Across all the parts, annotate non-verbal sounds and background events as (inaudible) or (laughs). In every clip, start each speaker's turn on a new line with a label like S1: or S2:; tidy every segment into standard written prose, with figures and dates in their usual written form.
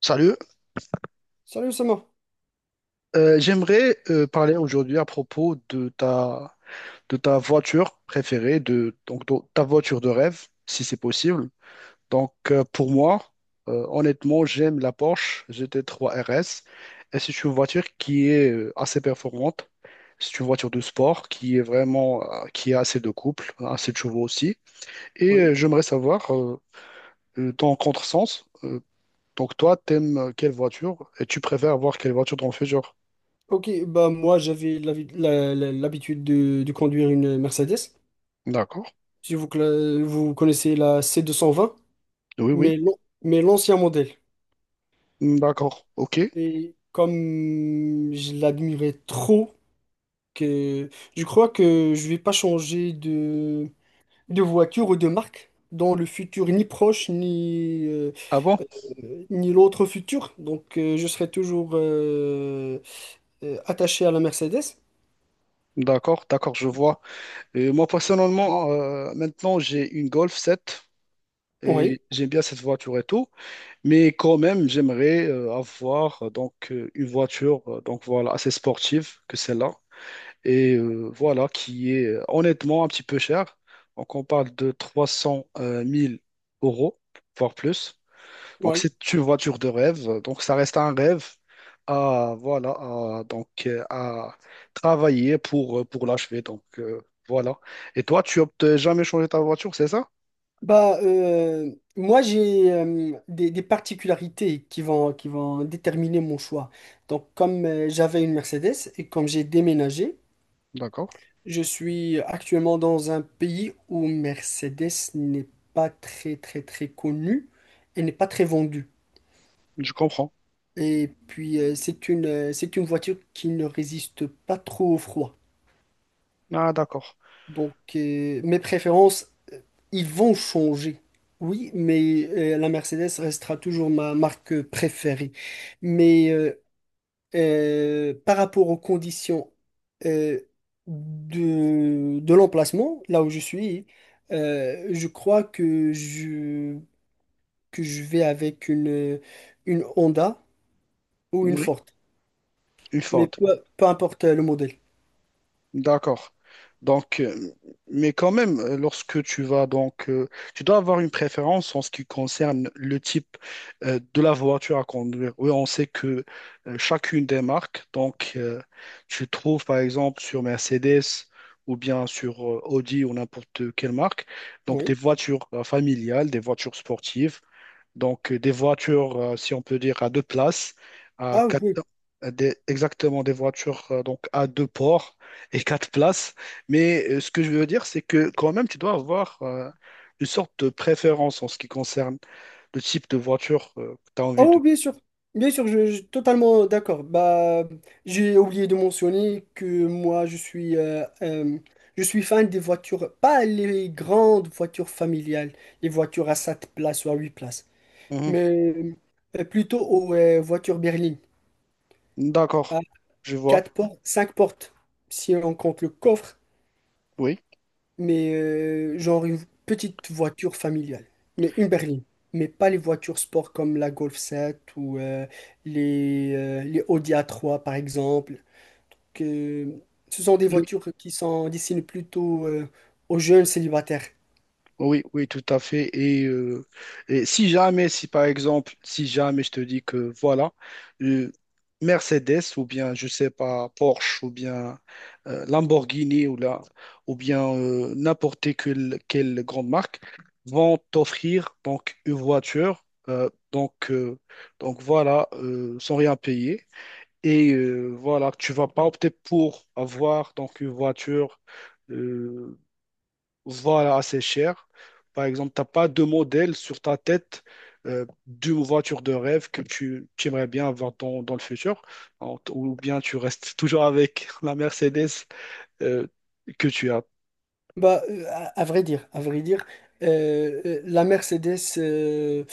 S1: Salut.
S2: Salut sérieusement.
S1: J'aimerais parler aujourd'hui à propos de ta voiture préférée, de, donc ta voiture de rêve, si c'est possible. Donc pour moi, honnêtement, j'aime la Porsche GT3 RS, et c'est une voiture qui est assez performante. C'est une voiture de sport qui est vraiment, qui a assez de couple, assez de chevaux aussi. Et
S2: Oui.
S1: j'aimerais savoir, ton contresens, donc toi, t'aimes quelle voiture et tu préfères avoir quelle voiture dans le futur?
S2: Ok, bah moi j'avais l'habitude de conduire une Mercedes.
S1: D'accord.
S2: Si vous, vous connaissez la C220,
S1: Oui, oui.
S2: mais l'ancien modèle.
S1: Mm, d'accord, ok.
S2: Et comme je l'admirais trop, que je crois que je vais pas changer de voiture ou de marque dans le futur, ni proche, ni,
S1: Ah bon?
S2: ni l'autre futur. Donc je serai toujours attaché à la Mercedes.
S1: D'accord, d'accord, je vois. Et moi, personnellement, maintenant, j'ai une Golf 7
S2: Oui,
S1: et j'aime bien cette voiture et tout, mais quand même, j'aimerais avoir une voiture donc voilà, assez sportive que celle-là, et voilà, qui est honnêtement un petit peu chère. Donc, on parle de trois cent mille euros, voire plus. Donc,
S2: oui.
S1: c'est une voiture de rêve. Donc, ça reste un rêve à, voilà, à travailler pour l'achever. Voilà. Et toi, tu optes jamais changer ta voiture, c'est ça?
S2: Bah, moi, j'ai des particularités qui vont déterminer mon choix. Donc, comme j'avais une Mercedes et comme j'ai déménagé,
S1: D'accord.
S2: je suis actuellement dans un pays où Mercedes n'est pas très, très, très connue et n'est pas très vendue.
S1: Je comprends.
S2: Et puis, c'est une voiture qui ne résiste pas trop au froid.
S1: Ah, d'accord.
S2: Donc, mes préférences ils vont changer, oui, mais la Mercedes restera toujours ma marque préférée. Mais par rapport aux conditions euh, de l'emplacement, là où je suis, je crois que je vais avec une Honda ou une
S1: Oui,
S2: Ford.
S1: une
S2: Mais
S1: Ford.
S2: peu importe le modèle.
S1: D'accord. Donc, mais quand même, lorsque tu vas donc, tu dois avoir une préférence en ce qui concerne le type de la voiture à conduire. Oui, on sait que chacune des marques, donc, tu trouves par exemple sur Mercedes ou bien sur Audi ou n'importe quelle marque, donc des
S2: Oui.
S1: voitures familiales, des voitures sportives, donc, des voitures, si on peut dire, à deux places, à
S2: Ah
S1: quatre,
S2: oui.
S1: exactement des voitures donc à deux ports et (laughs) quatre places. Mais ce que je veux dire, c'est que quand même, tu dois avoir une sorte de préférence en ce qui concerne le type de voiture que tu as envie
S2: Oh,
S1: de.
S2: bien sûr, je suis totalement d'accord. Bah, j'ai oublié de mentionner que moi, je suis fan des voitures, pas les grandes voitures familiales, les voitures à 7 places ou à 8 places,
S1: Mhm.
S2: mais plutôt aux voitures berlines,
S1: D'accord,
S2: à
S1: je vois.
S2: 4 portes, 5 portes, si on compte le coffre.
S1: Oui.
S2: Mais genre une petite voiture familiale, mais une berline, mais pas les voitures sport comme la Golf 7 ou les Audi a trois par exemple, que ce sont des voitures qui sont destinées plutôt aux jeunes célibataires.
S1: Oui, oui, tout à fait. Et si jamais, si par exemple, si jamais je te dis que voilà, euh, Mercedes ou bien, je sais pas, Porsche ou bien Lamborghini ou, la, ou bien n'importe quelle grande marque vont t'offrir donc une voiture, donc voilà, sans rien payer. Et voilà, tu vas pas opter pour avoir donc une voiture. euh, voilà, assez cher. Par exemple, tu n'as pas de modèle sur ta tête d'une voiture de rêve que tu aimerais bien avoir dans le futur, ou bien tu restes toujours avec (laughs) la Mercedes euh, que tu as.
S2: Bah, à vrai dire, la Mercedes, euh,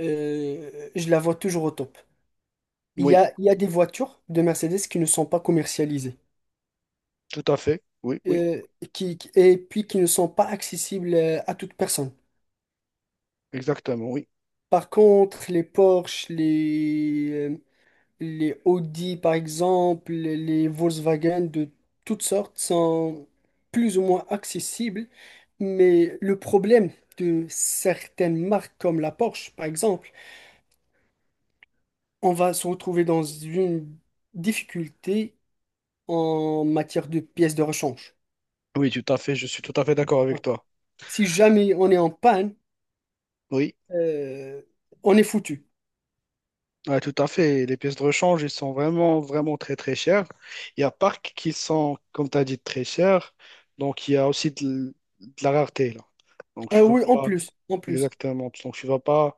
S2: euh, je la vois toujours au top.
S1: Oui,
S2: Il y a des voitures de Mercedes qui ne sont pas commercialisées.
S1: tout à fait. Oui, oui,
S2: euh, qui, et puis qui ne sont pas accessibles à toute personne.
S1: exactement. Oui,
S2: Par contre, les Porsche, les Audi, par exemple, les Volkswagen de toutes sortes sont plus ou moins accessibles. Mais le problème de certaines marques comme la Porsche, par exemple, on va se retrouver dans une difficulté en matière de pièces de rechange.
S1: oui, tout à fait. Je suis tout à fait d'accord avec
S2: Donc,
S1: toi.
S2: si jamais on est en panne,
S1: Oui,
S2: euh, on est foutu.
S1: ouais, tout à fait. Les pièces de rechange, ils sont vraiment, vraiment très, très chères. Il y a parcs qui sont, comme tu as dit, très chers. Donc, il y a aussi de la rareté, là. Donc,
S2: Ah
S1: tu ne vas
S2: oui, en
S1: pas.
S2: plus, en plus.
S1: Exactement. Donc, tu vas pas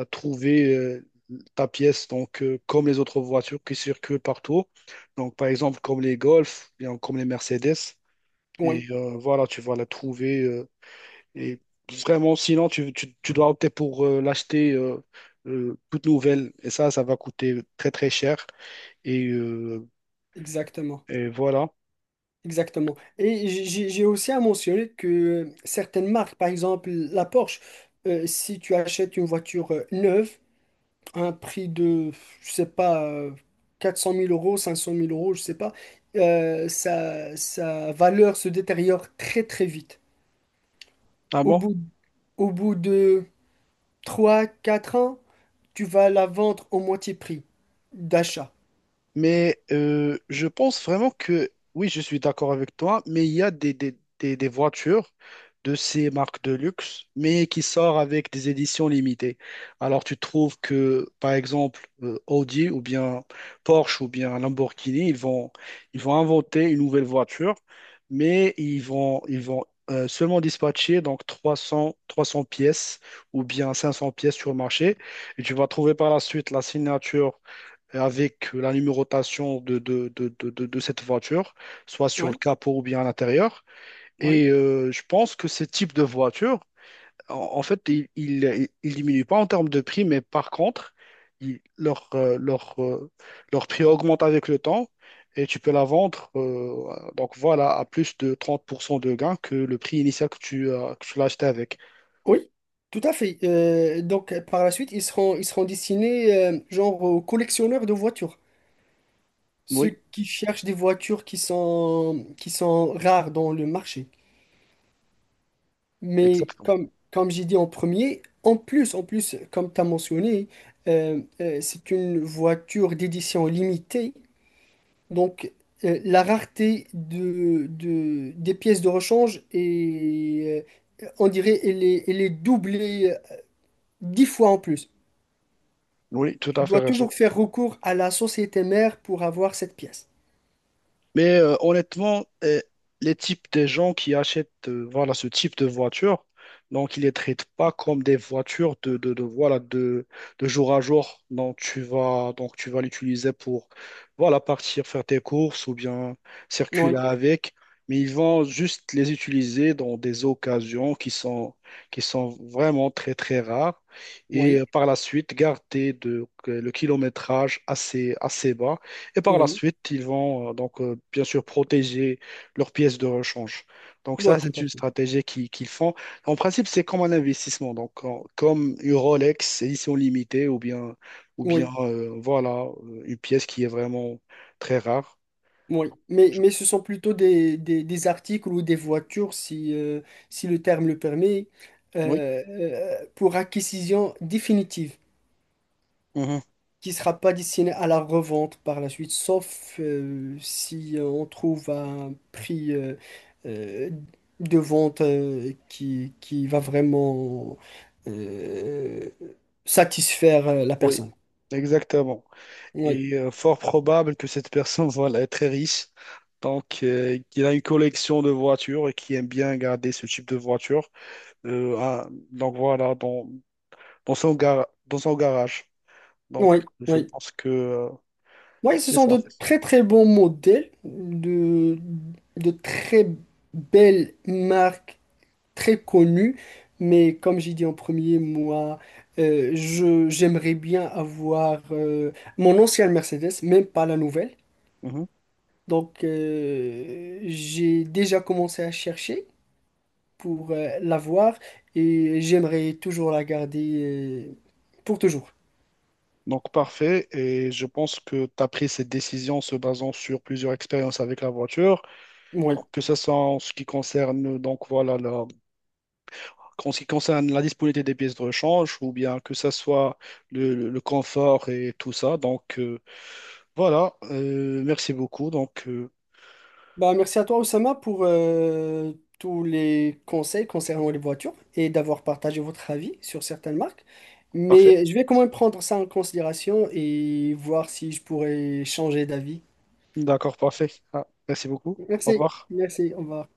S1: trouver ta pièce donc, comme les autres voitures qui circulent partout. Donc, par exemple, comme les Golf, bien comme les Mercedes. Et
S2: Oui,
S1: voilà, tu vas la trouver. Et vraiment, sinon, tu dois opter pour l'acheter toute nouvelle. Et ça va coûter très, très cher. Et, euh,
S2: exactement.
S1: et voilà.
S2: Exactement. Et j'ai aussi à mentionner que certaines marques, par exemple la Porsche, si tu achètes une voiture neuve à un prix de, je sais pas, quatre cent mille euros, cinq cent mille euros, je sais pas, sa, sa valeur se détériore très très vite.
S1: Ah
S2: Au
S1: bon?
S2: bout, au bout de 3 4 ans, tu vas la vendre au moitié prix d'achat.
S1: Mais je pense vraiment que, oui, je suis d'accord avec toi, mais il y a des voitures de ces marques de luxe, mais qui sortent avec des éditions limitées. Alors tu trouves que, par exemple, Audi ou bien Porsche ou bien Lamborghini, ils vont inventer une nouvelle voiture, mais ils vont seulement dispatcher donc trois cents, trois 300 pièces ou bien 500 pièces sur le marché. Et tu vas trouver par la suite la signature avec la numérotation de cette voiture, soit sur
S2: Oui.
S1: le capot ou bien à l'intérieur. Et je pense que ce type de voiture, en, en fait, il diminue pas en termes de prix, mais par contre, il- leur, euh, leur, euh, leur prix augmente avec le temps et tu peux la vendre donc voilà, à plus de 30% de gain que le prix initial que que tu l'as acheté avec.
S2: Oui, tout à fait. Donc, par la suite, ils seront destinés, genre, aux collectionneurs de voitures. Ceux
S1: Oui,
S2: qui cherchent des voitures qui sont rares dans le marché. Mais
S1: exactement.
S2: comme, comme j'ai dit en premier, en plus, comme tu as mentionné, c'est une voiture d'édition limitée. Donc, la rareté de, des pièces de rechange est, on dirait, elle est doublée 10 fois en plus.
S1: Oui, tout
S2: Tu
S1: à fait
S2: dois
S1: raison.
S2: toujours faire recours à la société mère pour avoir cette pièce.
S1: Mais honnêtement, les types de gens qui achètent voilà, ce type de voiture, donc ils ne les traitent pas comme des voitures voilà, de jour à jour. Donc tu vas l'utiliser pour voilà, partir faire tes courses ou bien circuler
S2: Oui,
S1: avec. Mais ils vont juste les utiliser dans des occasions qui sont vraiment très très rares. Et
S2: oui,
S1: par la suite, garder de, le kilométrage assez, assez bas, et par la
S2: oui.
S1: suite, ils vont bien sûr protéger leurs pièces de rechange. Donc
S2: Ouais,
S1: ça,
S2: tout
S1: c'est
S2: à
S1: une
S2: fait.
S1: stratégie qu'ils font. En principe, c'est comme un investissement, comme une Rolex édition limitée ou bien
S2: Oui,
S1: voilà, une pièce qui est vraiment très rare.
S2: oui.
S1: Je-
S2: Mais ce sont plutôt des articles ou des voitures, si, si le terme le permet,
S1: Oui.
S2: pour acquisition définitive.
S1: Mhm.
S2: Qui sera pas destiné à la revente par la suite, sauf si on trouve un prix euh, de vente qui va vraiment euh, satisfaire la
S1: Oui,
S2: personne.
S1: exactement.
S2: Oui,
S1: Et fort probable que cette personne (laughs) voilà, est très riche, donc qu'il a une collection de voitures et qui aime bien garder ce type de voiture. Donc voilà, dans dans son garage. Donc,
S2: oui,
S1: je
S2: oui.
S1: pense que
S2: Oui, ce
S1: c'est
S2: sont
S1: ça.
S2: de très très bons modèles, de très belles marques très connu, mais comme j'ai dit en premier, moi, je, j'aimerais bien avoir mon ancienne Mercedes, même pas la nouvelle.
S1: Mhm.
S2: Donc, j'ai déjà commencé à chercher pour l'avoir et j'aimerais toujours la garder pour toujours.
S1: Donc, parfait. Et je pense que tu as pris cette décision en se basant sur plusieurs expériences avec la voiture.
S2: Oui.
S1: Donc, que ce soit en ce qui concerne, donc, voilà, la, en ce qui concerne la disponibilité des pièces de rechange ou bien que ce soit le confort et tout ça. Merci beaucoup.
S2: Bah, merci à toi, Oussama, pour tous les conseils concernant les voitures et d'avoir partagé votre avis sur certaines marques.
S1: Parfait.
S2: Mais je vais quand même prendre ça en considération et voir si je pourrais changer d'avis.
S1: D'accord, parfait. Ah, merci beaucoup. Au
S2: Merci,
S1: revoir.
S2: merci, on va.